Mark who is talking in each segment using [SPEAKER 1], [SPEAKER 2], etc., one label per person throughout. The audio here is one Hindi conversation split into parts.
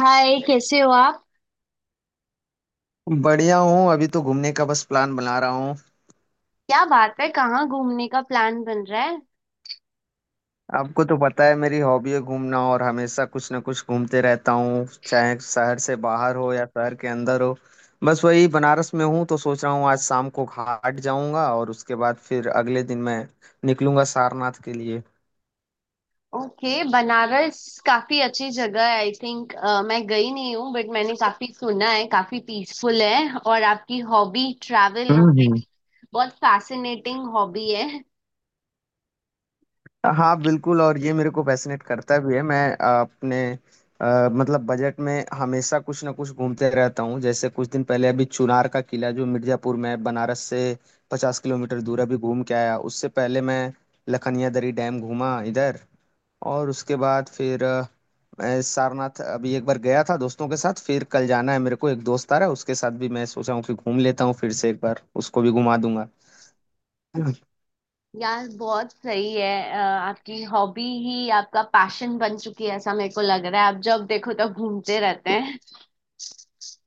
[SPEAKER 1] हाय, कैसे हो आप।
[SPEAKER 2] बढ़िया हूँ अभी तो घूमने का बस प्लान बना रहा हूँ।
[SPEAKER 1] क्या बात है, कहाँ घूमने का प्लान बन रहा है।
[SPEAKER 2] आपको तो पता है मेरी हॉबी है घूमना और हमेशा कुछ ना कुछ घूमते रहता हूँ चाहे शहर से बाहर हो या शहर के अंदर हो। बस वही बनारस में हूँ तो सोच रहा हूँ आज शाम को घाट जाऊंगा और उसके बाद फिर अगले दिन मैं निकलूंगा सारनाथ के लिए।
[SPEAKER 1] ओके। बनारस काफी अच्छी जगह है, आई थिंक। मैं गई नहीं हूँ, बट मैंने काफी सुना है, काफी पीसफुल है। और आपकी हॉबी ट्रैवल,
[SPEAKER 2] हम्म हम्म।
[SPEAKER 1] बहुत फैसिनेटिंग हॉबी है।
[SPEAKER 2] हाँ बिल्कुल। और ये मेरे को पैसिनेट करता भी है। मैं अपने मतलब बजट में हमेशा कुछ ना कुछ घूमते रहता हूँ, जैसे कुछ दिन पहले अभी चुनार का किला जो मिर्जापुर में है, बनारस से 50 किलोमीटर दूर, अभी घूम के आया। उससे पहले मैं लखनिया दरी डैम घूमा इधर। और उसके बाद फिर मैं सारनाथ अभी एक बार गया था दोस्तों के साथ। फिर कल जाना है, मेरे को एक दोस्त आ रहा है, उसके साथ भी मैं सोचा हूँ कि घूम लेता हूँ फिर से एक बार, उसको भी घुमा दूंगा।
[SPEAKER 1] यार, बहुत सही है। आपकी हॉबी ही आपका पैशन बन चुकी है, ऐसा मेरे को लग रहा है। आप जब देखो तब घूमते रहते हैं।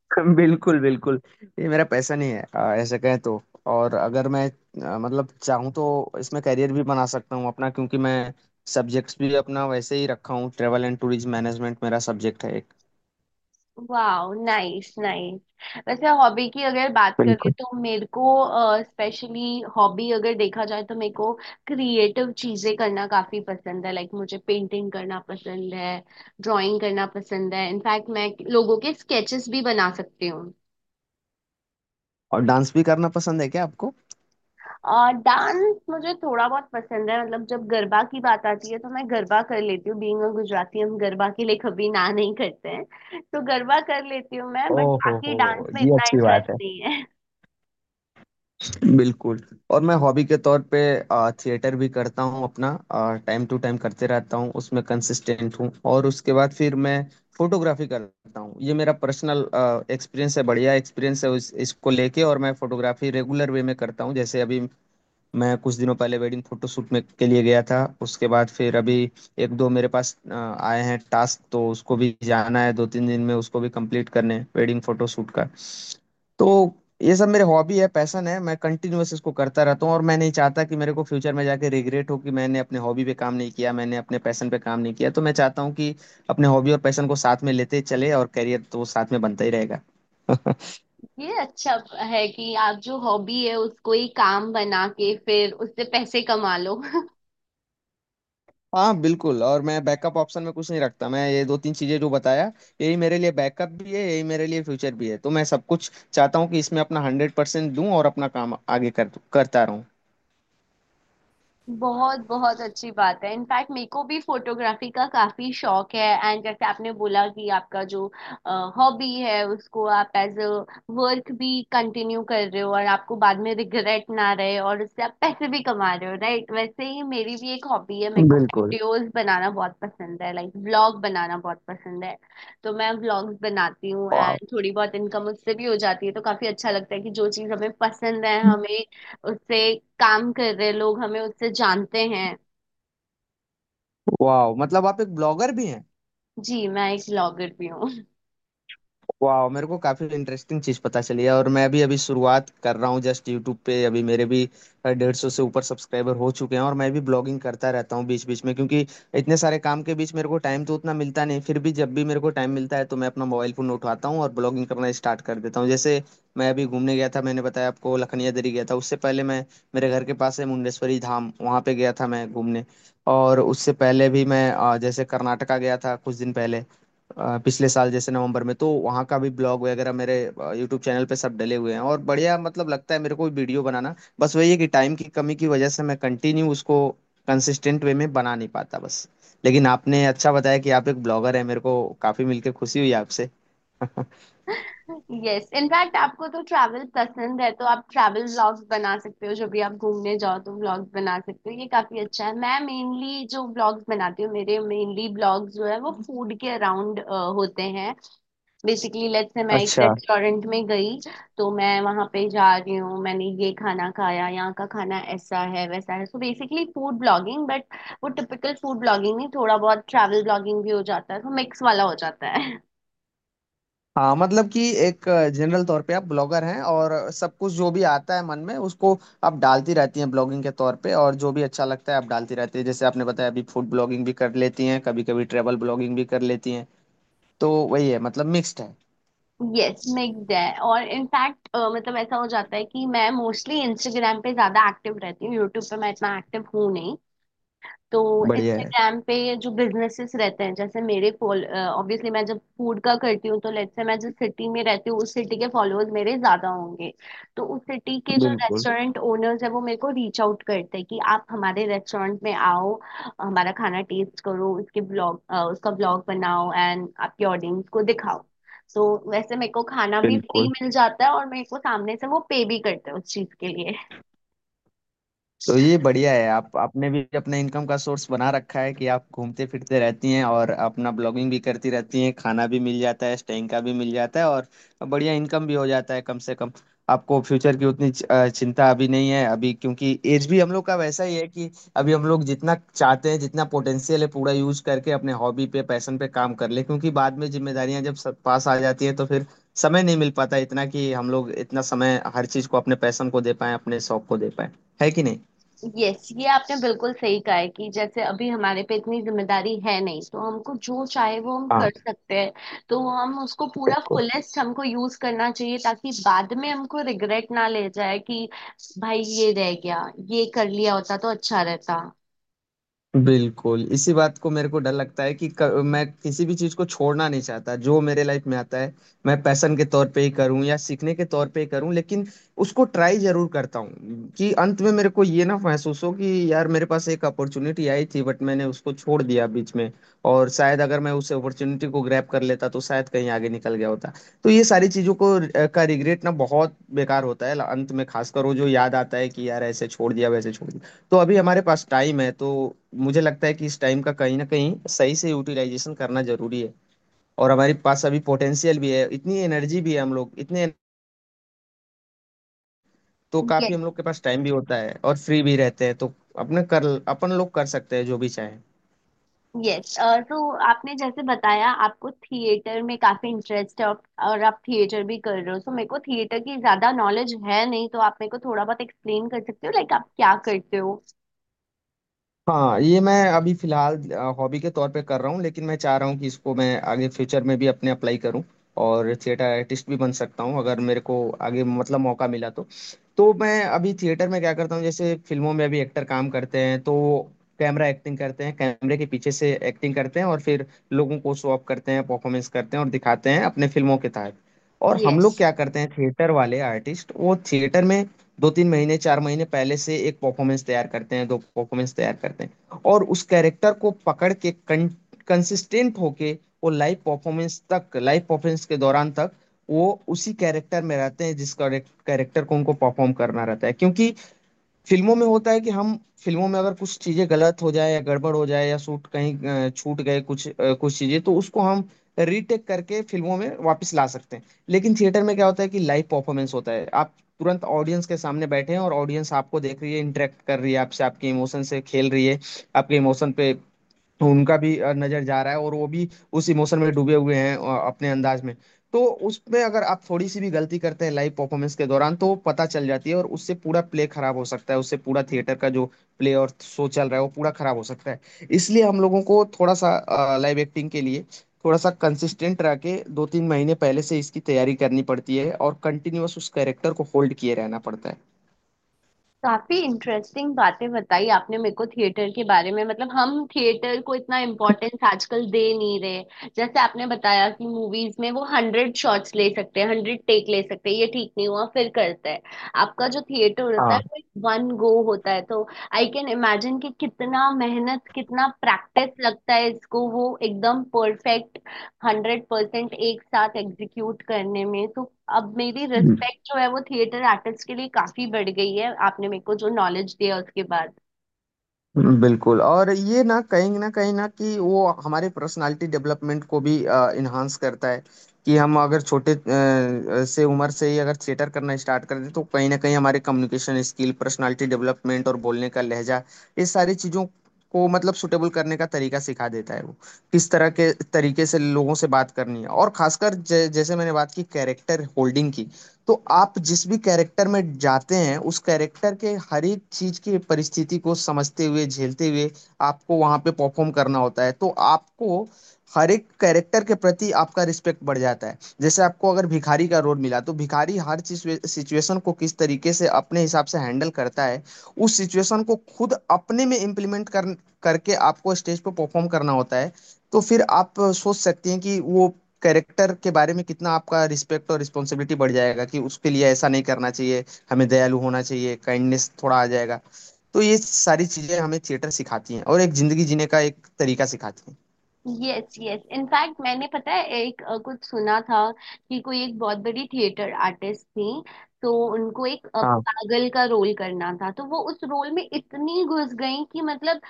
[SPEAKER 2] बिल्कुल बिल्कुल। ये मेरा पैशन ही है, ऐसे कहें तो। और अगर मैं मतलब चाहूँ तो इसमें करियर भी बना सकता हूँ अपना, क्योंकि मैं सब्जेक्ट्स भी अपना वैसे ही रखा हूँ। ट्रेवल एंड टूरिज्म मैनेजमेंट मेरा सब्जेक्ट है एक।
[SPEAKER 1] वाह, नाइस नाइस। वैसे हॉबी की अगर बात करें
[SPEAKER 2] बिल्कुल।
[SPEAKER 1] तो मेरे को, स्पेशली हॉबी अगर देखा जाए तो मेरे को क्रिएटिव चीजें करना काफी पसंद है। लाइक मुझे पेंटिंग करना पसंद है, ड्राइंग करना पसंद है। इनफैक्ट मैं लोगों के स्केचेस भी बना सकती हूँ।
[SPEAKER 2] और डांस भी करना पसंद है क्या आपको?
[SPEAKER 1] और डांस मुझे थोड़ा बहुत पसंद है, मतलब जब गरबा की बात आती है तो मैं गरबा कर लेती हूँ। बीइंग अ गुजराती, हम गरबा के लिए कभी ना नहीं करते हैं, तो गरबा कर लेती हूँ मैं। बट
[SPEAKER 2] ओहो
[SPEAKER 1] बाकी
[SPEAKER 2] हो।
[SPEAKER 1] डांस में
[SPEAKER 2] ये
[SPEAKER 1] इतना
[SPEAKER 2] अच्छी
[SPEAKER 1] इंटरेस्ट
[SPEAKER 2] बात है।
[SPEAKER 1] नहीं है।
[SPEAKER 2] बिल्कुल। और मैं हॉबी के तौर पे थिएटर भी करता हूँ अपना, टाइम टू टाइम करते रहता हूँ, उसमें कंसिस्टेंट हूँ। और उसके बाद फिर मैं फोटोग्राफी करता हूँ। ये मेरा पर्सनल एक्सपीरियंस है, बढ़िया एक्सपीरियंस है इसको लेके। और मैं फोटोग्राफी रेगुलर वे में करता हूँ, जैसे अभी मैं कुछ दिनों पहले वेडिंग फोटोशूट में के लिए गया था। उसके बाद फिर अभी एक दो मेरे पास आए हैं टास्क, तो उसको भी जाना है, दो तीन दिन में उसको भी कंप्लीट करने हैं वेडिंग फोटोशूट का। तो ये सब मेरे हॉबी है, पैशन है, मैं कंटिन्यूअस इसको करता रहता हूँ। और मैं नहीं चाहता कि मेरे को फ्यूचर में जाके रिग्रेट हो कि मैंने अपने हॉबी पे काम नहीं किया, मैंने अपने पैशन पे काम नहीं किया। तो मैं चाहता हूँ कि अपने हॉबी और पैशन को साथ में लेते चले, और करियर तो साथ में बनता ही रहेगा।
[SPEAKER 1] ये अच्छा है कि आप जो हॉबी है उसको ही काम बना के फिर उससे पैसे कमा लो।
[SPEAKER 2] हाँ बिल्कुल। और मैं बैकअप ऑप्शन में कुछ नहीं रखता, मैं ये दो तीन चीजें जो बताया, यही मेरे लिए बैकअप भी है, यही मेरे लिए फ्यूचर भी है। तो मैं सब कुछ चाहता हूँ कि इसमें अपना 100% दूँ और अपना काम आगे कर करता रहूँ।
[SPEAKER 1] बहुत बहुत अच्छी बात है। इनफैक्ट मेरे को भी फोटोग्राफी का काफी शौक है। एंड जैसे आपने बोला कि आपका जो हॉबी है उसको आप एज अ वर्क भी कंटिन्यू कर रहे हो, और आपको बाद में रिग्रेट ना रहे, और उससे आप पैसे भी कमा रहे हो, राइट। वैसे ही मेरी भी एक हॉबी है, मेरे को
[SPEAKER 2] बिल्कुल।
[SPEAKER 1] वीडियोस बनाना बहुत पसंद है, लाइक व्लॉग बनाना बहुत पसंद है। तो मैं व्लॉग्स बनाती हूँ
[SPEAKER 2] वाह।
[SPEAKER 1] एंड थोड़ी बहुत इनकम उससे भी हो जाती है, तो काफी अच्छा लगता है कि जो चीज हमें पसंद है, हमें उससे काम कर रहे, लोग हमें उससे जानते हैं।
[SPEAKER 2] वाह मतलब आप एक ब्लॉगर भी हैं।
[SPEAKER 1] जी, मैं एक ब्लॉगर भी हूँ।
[SPEAKER 2] वाह, मेरे को काफी इंटरेस्टिंग चीज पता चली है। और मैं भी अभी शुरुआत कर रहा हूँ जस्ट यूट्यूब पे। अभी मेरे भी 150 से ऊपर सब्सक्राइबर हो चुके हैं, और मैं भी ब्लॉगिंग करता रहता हूँ बीच बीच में, क्योंकि इतने सारे काम के बीच मेरे को टाइम तो उतना मिलता नहीं। फिर भी जब भी मेरे को टाइम मिलता है तो मैं अपना मोबाइल फोन उठाता हूँ और ब्लॉगिंग करना स्टार्ट कर देता हूँ। जैसे मैं अभी घूमने गया था, मैंने बताया आपको, लखनिया दरी गया था। उससे पहले मैं, मेरे घर के पास है मुंडेश्वरी धाम, वहाँ पे गया था मैं घूमने। और उससे पहले भी मैं जैसे कर्नाटका गया था कुछ दिन पहले, पिछले साल जैसे नवंबर में। तो वहाँ का भी ब्लॉग वगैरह मेरे यूट्यूब चैनल पे सब डले हुए हैं। और बढ़िया मतलब लगता है मेरे को वीडियो बनाना। बस वही है कि टाइम की कमी की वजह से मैं कंटिन्यू उसको कंसिस्टेंट वे में बना नहीं पाता बस। लेकिन आपने अच्छा बताया कि आप एक ब्लॉगर हैं, मेरे को काफ़ी मिलकर खुशी हुई आपसे।
[SPEAKER 1] यस, इनफैक्ट आपको तो ट्रैवल पसंद है, तो आप ट्रैवल व्लॉग्स बना सकते हो। जब भी आप घूमने जाओ तो व्लॉग्स बना सकते हो, ये काफी अच्छा है। मैं मेनली जो व्लॉग्स बनाती हूँ, मेरे मेनली ब्लॉग्स जो है वो फूड के अराउंड होते हैं। बेसिकली, लेट्स से मैं एक
[SPEAKER 2] अच्छा।
[SPEAKER 1] रेस्टोरेंट में गई, तो मैं वहां पे जा रही हूँ, मैंने ये खाना खाया, यहाँ का खाना ऐसा है वैसा है, so basically food blogging. But वो टिपिकल फूड ब्लॉगिंग नहीं, थोड़ा बहुत ट्रैवल ब्लॉगिंग भी हो जाता है, तो मिक्स वाला हो जाता है।
[SPEAKER 2] हाँ मतलब कि एक जनरल तौर पे आप ब्लॉगर हैं और सब कुछ जो भी आता है मन में उसको आप डालती रहती हैं ब्लॉगिंग के तौर पे, और जो भी अच्छा लगता है आप डालती रहती हैं। जैसे आपने बताया, अभी फूड ब्लॉगिंग भी कर लेती हैं, कभी कभी ट्रैवल ब्लॉगिंग भी कर लेती हैं। तो वही है, मतलब मिक्स्ड है।
[SPEAKER 1] यस, मिक्स्ड है। और इनफैक्ट मतलब ऐसा हो जाता है कि मैं मोस्टली इंस्टाग्राम पे ज्यादा एक्टिव रहती हूँ, यूट्यूब पे मैं इतना एक्टिव हूँ नहीं। तो
[SPEAKER 2] बढ़िया है।
[SPEAKER 1] इंस्टाग्राम पे ये जो बिजनेसेस रहते हैं, जैसे मेरे ऑब्वियसली मैं जब फूड का करती हूँ, तो लेट्स से मैं जिस सिटी में रहती हूँ उस सिटी के फॉलोअर्स मेरे ज्यादा होंगे, तो उस सिटी के जो
[SPEAKER 2] बिल्कुल
[SPEAKER 1] रेस्टोरेंट ओनर्स है वो मेरे को रीच आउट करते हैं कि आप हमारे रेस्टोरेंट में आओ, हमारा खाना टेस्ट करो, उसके ब्लॉग उसका ब्लॉग बनाओ एंड आपके ऑडियंस को दिखाओ। तो वैसे मेरे को खाना भी फ्री
[SPEAKER 2] बिल्कुल।
[SPEAKER 1] मिल जाता है और मेरे को सामने से वो पे भी करते हैं उस चीज के लिए।
[SPEAKER 2] तो ये बढ़िया है, आप आपने भी अपने इनकम का सोर्स बना रखा है कि आप घूमते फिरते रहती हैं और अपना ब्लॉगिंग भी करती रहती हैं, खाना भी मिल जाता है, स्टेइंग का भी मिल जाता है, और बढ़िया इनकम भी हो जाता है कम से कम। आपको फ्यूचर की उतनी चिंता अभी नहीं है अभी, क्योंकि एज भी हम लोग का वैसा ही है कि अभी हम लोग जितना चाहते हैं, जितना पोटेंशियल है पूरा यूज करके अपने हॉबी पे पैशन पे काम कर ले, क्योंकि बाद में जिम्मेदारियां जब सब पास आ जाती है तो फिर समय नहीं मिल पाता इतना कि हम लोग इतना समय हर चीज को, अपने पैशन को दे पाए, अपने शौक को दे पाए, है कि नहीं।
[SPEAKER 1] यस, ये आपने बिल्कुल सही कहा है कि जैसे अभी हमारे पे इतनी जिम्मेदारी है नहीं, तो हमको जो चाहे वो हम
[SPEAKER 2] हाँ।
[SPEAKER 1] कर सकते हैं। तो हम उसको पूरा
[SPEAKER 2] बिल्कुल
[SPEAKER 1] फुलेस्ट हमको यूज करना चाहिए, ताकि बाद में हमको रिग्रेट ना ले जाए कि भाई ये रह गया, ये कर लिया होता तो अच्छा रहता।
[SPEAKER 2] बिल्कुल, इसी बात को मेरे को डर लगता है कि मैं किसी भी चीज को छोड़ना नहीं चाहता जो मेरे लाइफ में आता है, मैं पैशन के तौर पे ही करूं या सीखने के तौर पे ही करूं, लेकिन उसको ट्राई जरूर करता हूं कि अंत में मेरे को ये ना महसूस हो कि यार मेरे पास एक अपॉर्चुनिटी आई थी, बट मैंने उसको छोड़ दिया बीच में, और शायद अगर मैं उस अपॉर्चुनिटी को ग्रैब कर लेता तो शायद कहीं आगे निकल गया होता। तो ये सारी चीजों को का रिग्रेट ना बहुत बेकार होता है अंत में, खासकर वो जो याद आता है कि यार ऐसे छोड़ दिया वैसे छोड़। तो अभी हमारे पास टाइम है तो मुझे लगता है कि इस टाइम का कहीं ना कहीं सही से यूटिलाइजेशन करना जरूरी है। और हमारे पास अभी पोटेंशियल भी है, इतनी एनर्जी भी है, हम लोग इतने, तो काफी
[SPEAKER 1] यस
[SPEAKER 2] हम लोग के पास टाइम भी होता है और फ्री भी रहते हैं, तो अपने कर अपन लोग कर सकते हैं जो भी चाहें।
[SPEAKER 1] यस। तो आपने जैसे बताया आपको थिएटर में काफी इंटरेस्ट है, और आप थिएटर भी कर रहे हो, तो मेरे को थिएटर की ज्यादा नॉलेज है नहीं, तो आप मेरे को थोड़ा बहुत एक्सप्लेन कर सकते हो लाइक आप क्या करते हो।
[SPEAKER 2] हाँ ये मैं अभी फिलहाल हॉबी के तौर पे कर रहा हूँ, लेकिन मैं चाह रहा हूँ कि इसको मैं आगे फ्यूचर में भी अपने अप्लाई करूँ, और थिएटर आर्टिस्ट भी बन सकता हूँ अगर मेरे को आगे मतलब मौका मिला तो। तो मैं अभी थिएटर में क्या करता हूँ, जैसे फिल्मों में अभी एक्टर काम करते हैं तो कैमरा एक्टिंग करते हैं, कैमरे के पीछे से एक्टिंग करते हैं और फिर लोगों को शो ऑफ करते हैं, परफॉर्मेंस करते हैं और दिखाते हैं अपने फिल्मों के तहत। और हम
[SPEAKER 1] यस,
[SPEAKER 2] लोग क्या करते हैं थिएटर वाले आर्टिस्ट, वो थिएटर में दो तीन महीने चार महीने पहले से एक परफॉर्मेंस तैयार करते हैं, दो परफॉर्मेंस तैयार करते हैं, और उस कैरेक्टर को पकड़ के, कंसिस्टेंट होके वो लाइव परफॉर्मेंस तक, लाइव परफॉर्मेंस के दौरान तक वो उसी कैरेक्टर में रहते हैं जिस कैरेक्टर को उनको परफॉर्म करना रहता है। क्योंकि फिल्मों में होता है कि हम, फिल्मों में अगर कुछ चीजें गलत हो जाए या गड़बड़ हो जाए या शूट कहीं छूट गए कुछ कुछ चीजें, तो उसको हम रीटेक करके फिल्मों में वापस ला सकते हैं। लेकिन थिएटर में क्या होता है कि लाइव परफॉर्मेंस होता है, आप तुरंत ऑडियंस के सामने बैठे हैं और ऑडियंस आपको देख रही है, इंटरेक्ट कर रही है आपसे, आपके इमोशन से खेल रही है, आपके इमोशन पे तो उनका भी नजर जा रहा है, और वो भी उस इमोशन में डूबे हुए हैं अपने अंदाज में। तो उसमें अगर आप थोड़ी सी भी गलती करते हैं लाइव परफॉर्मेंस के दौरान, तो वो पता चल जाती है और उससे पूरा प्ले खराब हो सकता है, उससे पूरा थिएटर का जो प्ले और शो चल रहा है वो पूरा खराब हो सकता है। इसलिए हम लोगों को थोड़ा सा लाइव एक्टिंग के लिए थोड़ा सा कंसिस्टेंट रह के दो तीन महीने पहले से इसकी तैयारी करनी पड़ती है और कंटिन्यूअस उस कैरेक्टर को होल्ड किए रहना पड़ता है।
[SPEAKER 1] काफी इंटरेस्टिंग बातें बताई आपने मेरे को थिएटर के बारे में। मतलब हम थिएटर को इतना इम्पोर्टेंस आजकल दे नहीं रहे। जैसे आपने बताया कि मूवीज में वो हंड्रेड शॉट्स ले सकते हैं, हंड्रेड टेक ले सकते हैं, ये ठीक नहीं हुआ फिर करते हैं। आपका जो थिएटर होता है वो वन गो होता है, तो आई कैन इमेजिन कि कितना मेहनत कितना प्रैक्टिस लगता है इसको वो एकदम परफेक्ट 100% एक साथ एग्जीक्यूट करने में। तो अब मेरी
[SPEAKER 2] हाँ
[SPEAKER 1] रिस्पेक्ट जो है वो थिएटर आर्टिस्ट के लिए काफी बढ़ गई है, आपने मेरे को जो नॉलेज दिया उसके बाद।
[SPEAKER 2] बिल्कुल। और ये ना कहीं ना कहीं ना कि वो हमारे पर्सनालिटी डेवलपमेंट को भी इन्हांस करता है कि हम अगर छोटे से उम्र से ही अगर थिएटर करना स्टार्ट कर दें, तो कहीं ना कहीं हमारे कम्युनिकेशन स्किल, पर्सनालिटी डेवलपमेंट और बोलने का लहजा, ये सारी चीज़ों को मतलब सुटेबल करने का तरीका सिखा देता है वो। किस तरह के तरीके से लोगों से बात करनी है, और खासकर जैसे मैंने बात की कैरेक्टर होल्डिंग की, तो आप जिस भी कैरेक्टर में जाते हैं उस कैरेक्टर के हर एक चीज की परिस्थिति को समझते हुए, झेलते हुए आपको वहां पे परफॉर्म करना होता है। तो आपको हर एक कैरेक्टर के प्रति आपका रिस्पेक्ट बढ़ जाता है, जैसे आपको अगर भिखारी का रोल मिला तो भिखारी हर सिचुएशन को किस तरीके से अपने हिसाब से हैंडल करता है, उस सिचुएशन को खुद अपने में इम्प्लीमेंट कर करके आपको स्टेज पे परफॉर्म करना होता है। तो फिर आप सोच सकती हैं कि वो कैरेक्टर के बारे में कितना आपका रिस्पेक्ट और रिस्पॉन्सिबिलिटी बढ़ जाएगा कि उसके लिए ऐसा नहीं करना चाहिए, हमें दयालु होना चाहिए, काइंडनेस थोड़ा आ जाएगा। तो ये सारी चीजें हमें थिएटर सिखाती हैं और एक जिंदगी जीने का एक तरीका सिखाती हैं।
[SPEAKER 1] यस यस, इनफैक्ट मैंने पता है एक कुछ सुना था कि कोई एक बहुत बड़ी थिएटर आर्टिस्ट थी, तो उनको एक
[SPEAKER 2] हाँ
[SPEAKER 1] पागल का रोल करना था, तो वो उस रोल में इतनी घुस गई कि मतलब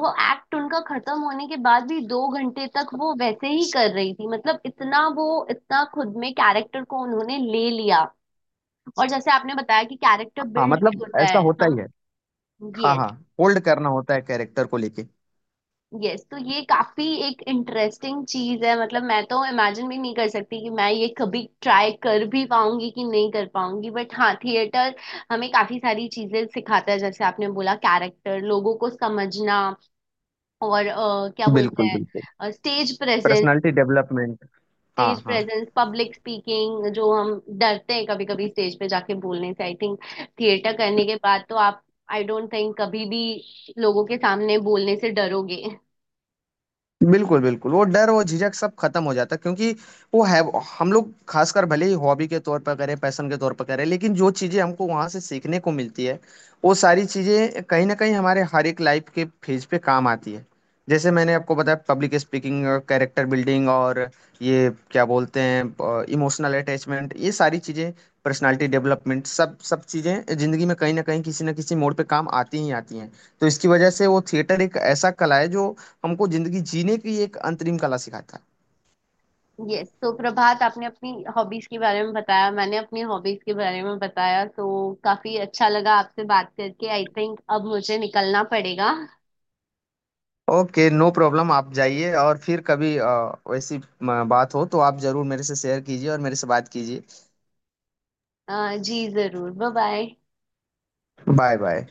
[SPEAKER 1] वो एक्ट उनका खत्म होने के बाद भी 2 घंटे तक वो वैसे ही कर रही थी। मतलब इतना वो, इतना खुद में कैरेक्टर को उन्होंने ले लिया। और जैसे आपने बताया कि कैरेक्टर
[SPEAKER 2] हाँ,
[SPEAKER 1] बिल्ड भी
[SPEAKER 2] मतलब
[SPEAKER 1] होता
[SPEAKER 2] ऐसा
[SPEAKER 1] है,
[SPEAKER 2] होता ही
[SPEAKER 1] हम।
[SPEAKER 2] है। हाँ हाँ,
[SPEAKER 1] यस
[SPEAKER 2] होल्ड करना होता है कैरेक्टर को लेके।
[SPEAKER 1] यस, तो ये काफी एक इंटरेस्टिंग चीज है। मतलब मैं तो इमेजिन भी नहीं कर सकती कि मैं ये कभी ट्राई कर भी पाऊंगी कि नहीं कर पाऊंगी, बट हाँ थिएटर हमें काफी सारी चीजें सिखाता है, जैसे आपने बोला कैरेक्टर लोगों को समझना और क्या बोलते
[SPEAKER 2] बिल्कुल बिल्कुल।
[SPEAKER 1] हैं, स्टेज प्रेजेंस।
[SPEAKER 2] Personality development. हाँ
[SPEAKER 1] स्टेज
[SPEAKER 2] हाँ।
[SPEAKER 1] प्रेजेंस, पब्लिक स्पीकिंग जो हम डरते हैं कभी कभी स्टेज पे जाके बोलने से, आई थिंक थिएटर करने के बाद तो आप, आई डोंट थिंक कभी भी लोगों के सामने बोलने से डरोगे।
[SPEAKER 2] बिल्कुल, बिल्कुल। वो डर, वो झिझक सब खत्म हो जाता है क्योंकि वो है, वो हम लोग खासकर भले ही हॉबी के तौर पर करें, पैशन के तौर पर करें, लेकिन जो चीज़ें हमको वहाँ से सीखने को मिलती है, वो सारी चीज़ें कहीं न कहीं हमारे हर एक लाइफ के फेज पे काम आती है। जैसे मैंने आपको बताया पब्लिक स्पीकिंग, कैरेक्टर बिल्डिंग और ये क्या बोलते हैं ब इमोशनल अटैचमेंट, ये सारी चीज़ें, पर्सनैलिटी डेवलपमेंट, सब सब चीज़ें ज़िंदगी में कहीं न कहीं किसी न किसी मोड़ पे काम आती ही आती हैं। तो इसकी वजह से वो थिएटर एक ऐसा कला है जो हमको जिंदगी जीने की एक अंतरिम कला सिखाता
[SPEAKER 1] यस, तो प्रभात, आपने अपनी हॉबीज के बारे में बताया, मैंने अपनी हॉबीज के बारे में बताया, तो काफी अच्छा लगा आपसे बात करके। आई थिंक अब मुझे निकलना पड़ेगा।
[SPEAKER 2] है। ओके नो प्रॉब्लम, आप जाइए, और फिर कभी वैसी बात हो तो आप जरूर मेरे से शेयर कीजिए और मेरे से बात कीजिए।
[SPEAKER 1] जी जरूर, बाय बाय।
[SPEAKER 2] Bye bye.